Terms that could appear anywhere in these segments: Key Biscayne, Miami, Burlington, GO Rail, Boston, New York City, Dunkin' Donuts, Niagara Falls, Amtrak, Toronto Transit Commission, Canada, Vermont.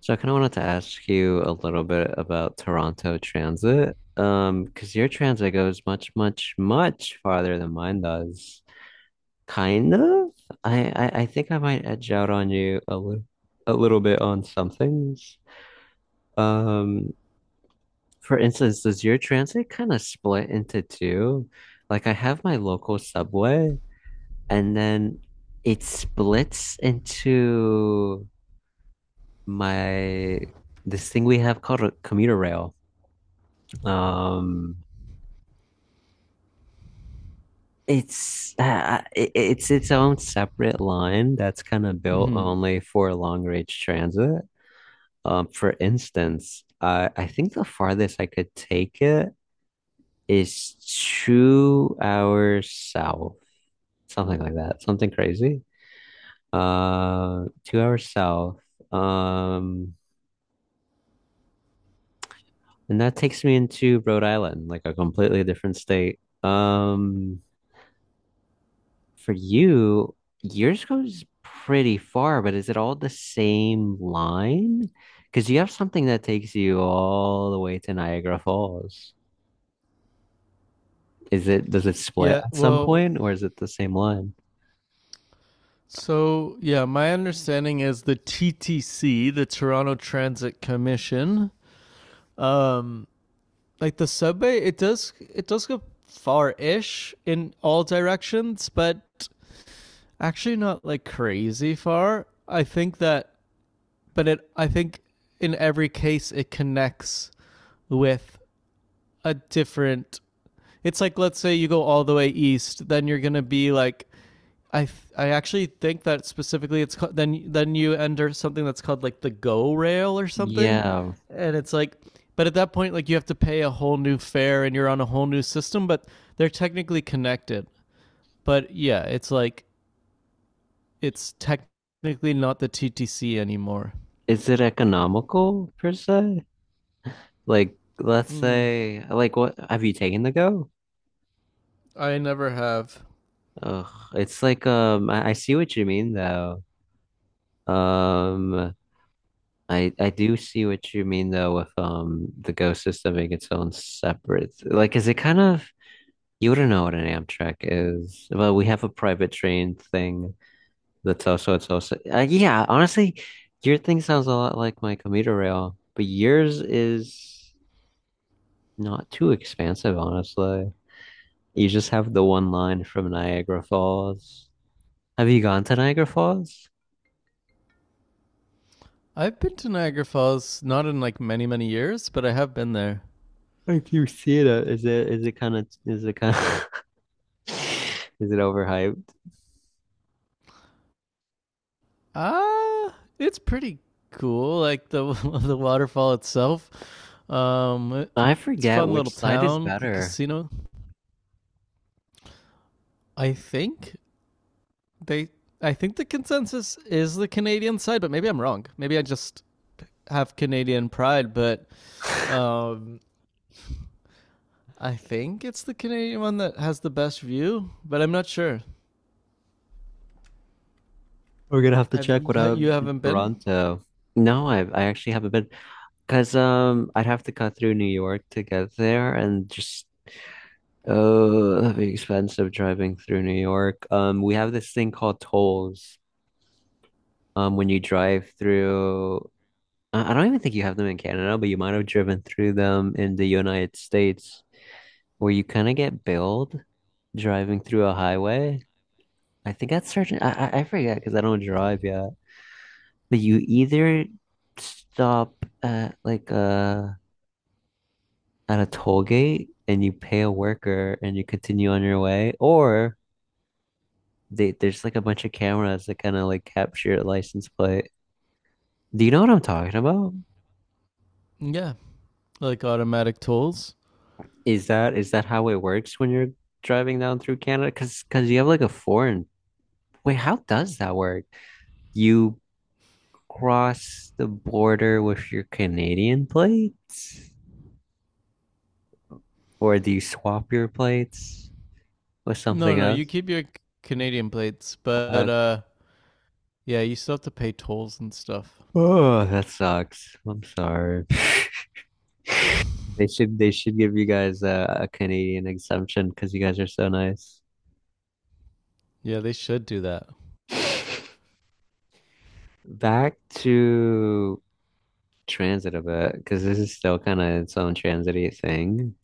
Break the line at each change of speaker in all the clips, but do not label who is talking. So I kind of wanted to ask you a little bit about Toronto transit, because your transit goes much, much, much farther than mine does. Kind of. I think I might edge out on you a little bit on some things. Um, for instance, does your transit kind of split into two? Like I have my local subway, and then it splits into my this thing we have called a commuter rail. Um, it's its own separate line that's kind of built
Hmm.
only for long range transit. For instance, I think the farthest I could take it is 2 hours south, something like that, something crazy. 2 hours south. Um, and that takes me into Rhode Island, like a completely different state. For you, yours goes pretty far, but is it all the same line? Because you have something that takes you all the way to Niagara Falls. Is it, does it split
Yeah,
at some
well,
point, or is it the same line?
so, my understanding is the TTC, the Toronto Transit Commission, like the subway, it does go far-ish in all directions, but actually not like crazy far. I think that, but it I think in every case it connects with a different. It's like, let's say you go all the way east, then you're gonna be like I th- I actually think that specifically it's called, then you enter something that's called like the go rail or something,
Yeah.
and it's like, but at that point like you have to pay a whole new fare and you're on a whole new system, but they're technically connected. But yeah, it's like it's technically not the TTC anymore.
Is it economical per se? Like, let's
Hmm.
say, like, what have you taken the Go?
I never have.
Ugh, it's like, I see what you mean though. Um, I do see what you mean though with the Go system being its own separate. Like, is it kind of you wouldn't know what an Amtrak is, but we have a private train thing that's also it's also yeah. Honestly, your thing sounds a lot like my commuter rail, but yours is not too expansive, honestly. You just have the one line from Niagara Falls. Have you gone to Niagara Falls?
I've been to Niagara Falls not in like many years, but I have been there.
Like you see it, is it is it kind of is it kind of is it overhyped?
Ah, it's pretty cool. Like the the waterfall itself. Um,
I
it's a
forget
fun little
which side is
town. The
better.
casino. I think they. I think the consensus is the Canadian side, but maybe I'm wrong. Maybe I just have Canadian pride, but um, I think it's the Canadian one that has the best view. But I'm not sure.
We're gonna have to
Have
check what up
you,
in
haven't been?
Toronto. No, I actually haven't been because I'd have to cut through New York to get there and just oh that'd be expensive driving through New York. We have this thing called tolls. When you drive through I don't even think you have them in Canada, but you might have driven through them in the United States where you kind of get billed driving through a highway. I think that's certain. I forget because I don't drive yet. But you either stop at like at a toll gate and you pay a worker and you continue on your way, or there's like a bunch of cameras that kind of like capture your license plate. Do you know what I'm talking about?
Yeah, like automatic tolls.
Is that how it works when you're driving down through Canada? Because you have like a foreign. Wait, how does that work? You cross the border with your Canadian plates, or do you swap your plates with
No,
something
no, you
Else?
keep your Canadian plates,
Uh,
but yeah, you still have to pay tolls and stuff.
oh, that sucks. I'm sorry. They should give you guys a Canadian exemption because you guys are so nice.
Yeah, they should do that.
Back to transit a bit because this is still kind of its own transity thing.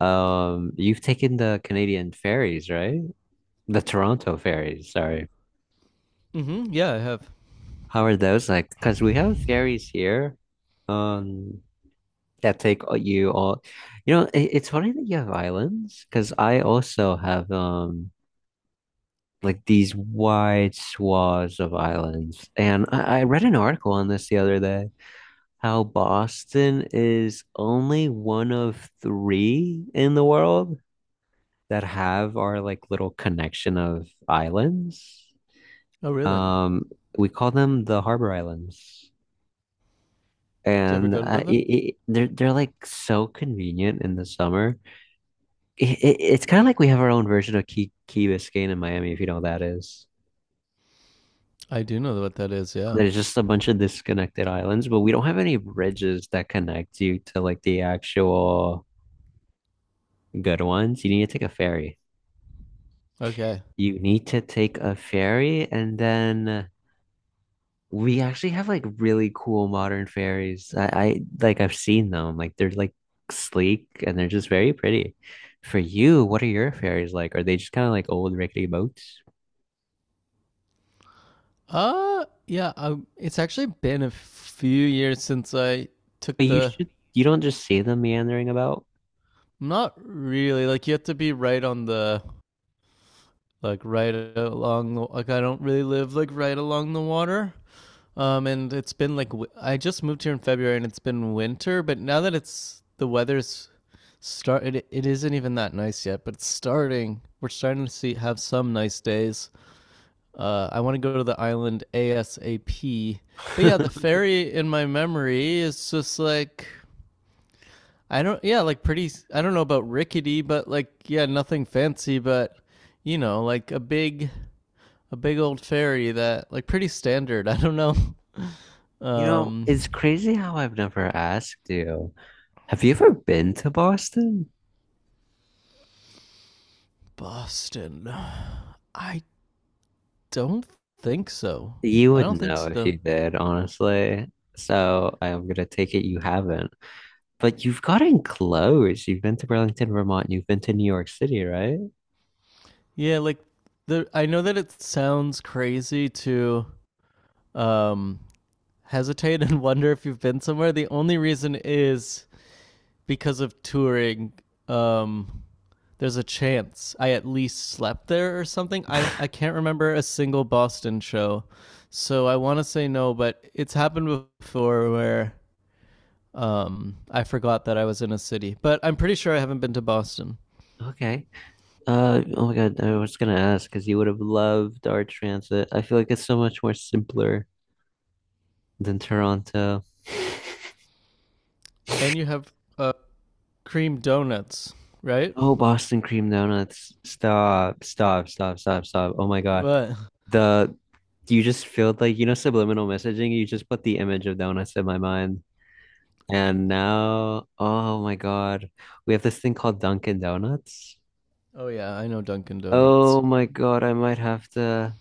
You've taken the Canadian ferries, right? The Toronto ferries, sorry.
Mm-hmm. Yeah, I have.
How are those like? Because we have ferries here, um, that take all. You know, it's funny that you have islands, because I also have like these wide swaths of islands, and I read an article on this the other day. How Boston is only one of three in the world that have our like little connection of islands.
Oh, really?
Um, we call them the Harbor Islands,
Do you ever
and
go to them?
they're like so convenient in the summer. It's kind of like we have our own version of Key Biscayne in Miami, if you know what that is.
I do know what that is. Yeah.
There's just a bunch of disconnected islands, but we don't have any bridges that connect you to like the actual good ones. You need to take a ferry.
Okay.
You need to take a ferry and then we actually have like really cool modern fairies. I like I've seen them. Like they're like sleek and they're just very pretty. For you, what are your fairies like? Are they just kind of like old rickety boats?
Yeah. It's actually been a few years since I took
But you
the.
should you don't just see them meandering about.
Not really. Like you have to be right on the, like right along the. Like I don't really live like right along the water. And it's been like I just moved here in February, and it's been winter. But now that it's the weather's start, it isn't even that nice yet. But it's starting. We're starting to see have some nice days. I want to go to the island ASAP. But yeah, the ferry in my memory is just like I don't, yeah, like pretty, I don't know about rickety, but like yeah, nothing fancy, but you know, like a big, a big old ferry that like pretty standard. I don't know.
You know,
Um,
it's crazy how I've never asked you. Have you ever been to Boston?
Boston. I don't think so.
You
I
would
don't think
know if
so.
you did, honestly. So I'm gonna take it you haven't. But you've gotten close. You've been to Burlington, Vermont. You've been to New York City, right?
Yeah, like the I know that it sounds crazy to um hesitate and wonder if you've been somewhere. The only reason is because of touring. Um, there's a chance I at least slept there or something. I can't remember a single Boston show. So I want to say no, but it's happened before where I forgot that I was in a city. But I'm pretty sure I haven't been to Boston.
Okay. Oh my God, I was gonna ask because you would have loved our transit. I feel like it's so much more simpler than Toronto.
And you have cream donuts, right?
Oh, Boston cream donuts. Stop, stop, stop, stop, stop. Oh my God.
What?
The you just feel like you know subliminal messaging, you just put the image of donuts in my mind. And now, oh my God, we have this thing called Dunkin' Donuts.
Oh, yeah, I know Dunkin' Donuts.
Oh my God, I might have to.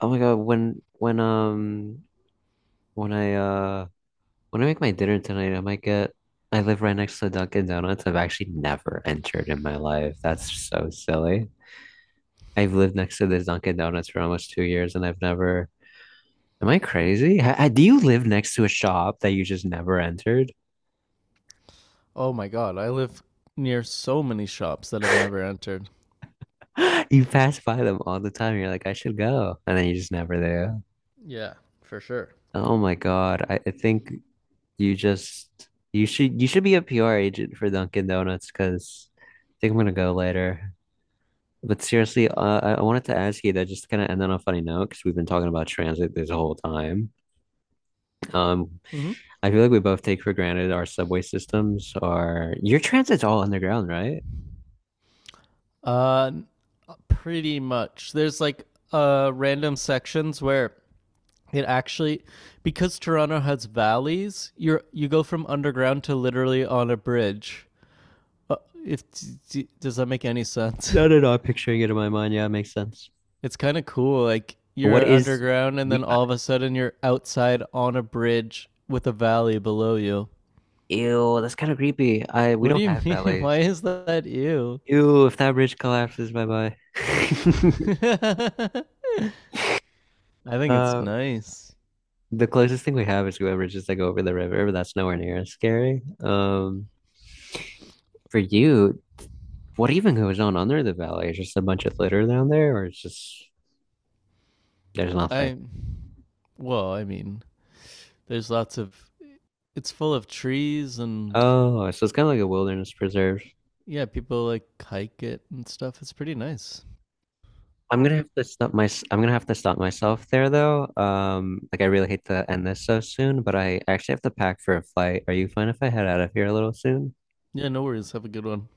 Oh my God, when I when I make my dinner tonight, I might get, I live right next to Dunkin' Donuts. I've actually never entered in my life. That's so silly. I've lived next to this Dunkin' Donuts for almost 2 years and I've never, am I crazy? Do you live next to a shop that you just never entered?
Oh my god, I live near so many shops that I've never entered.
You pass by them all the time. You're like, I should go. And then you just never do.
Yeah, for sure.
Oh my God. I think you just, you should be a PR agent for Dunkin' Donuts because I think I'm gonna go later. But seriously, I wanted to ask you that just to kind of end on a funny note because we've been talking about transit this whole time. Um,
Mm-hmm.
I feel like we both take for granted our subway systems are your transit's all underground, right?
Uh, pretty much. There's like random sections where it actually because Toronto has valleys, you go from underground to literally on a bridge. Uh, if does that make any sense?
No, no, no. I'm picturing it in my mind. Yeah, it makes sense.
It's kind of cool. Like
What
you're
is
underground and then
we? I-
all of a sudden you're outside on a bridge with a valley below you.
Ew, that's kind of creepy. I we
What do
don't
you
have
mean? Why
valets.
is that you?
Ew, if that bridge collapses, bye bye.
I think it's
Uh,
nice.
the closest thing we have is whoever just like over the river, but that's nowhere near as scary. For you. What even goes on under the valley? Is just a bunch of litter down there, or it's just there's nothing.
I well, I mean, there's lots of it's full of trees and
Oh, so it's kind of like a wilderness preserve.
yeah, people like hike it and stuff. It's pretty nice.
I'm gonna have to stop myself there though. Like I really hate to end this so soon, but I actually have to pack for a flight. Are you fine if I head out of here a little soon?
Yeah, no worries. Have a good one.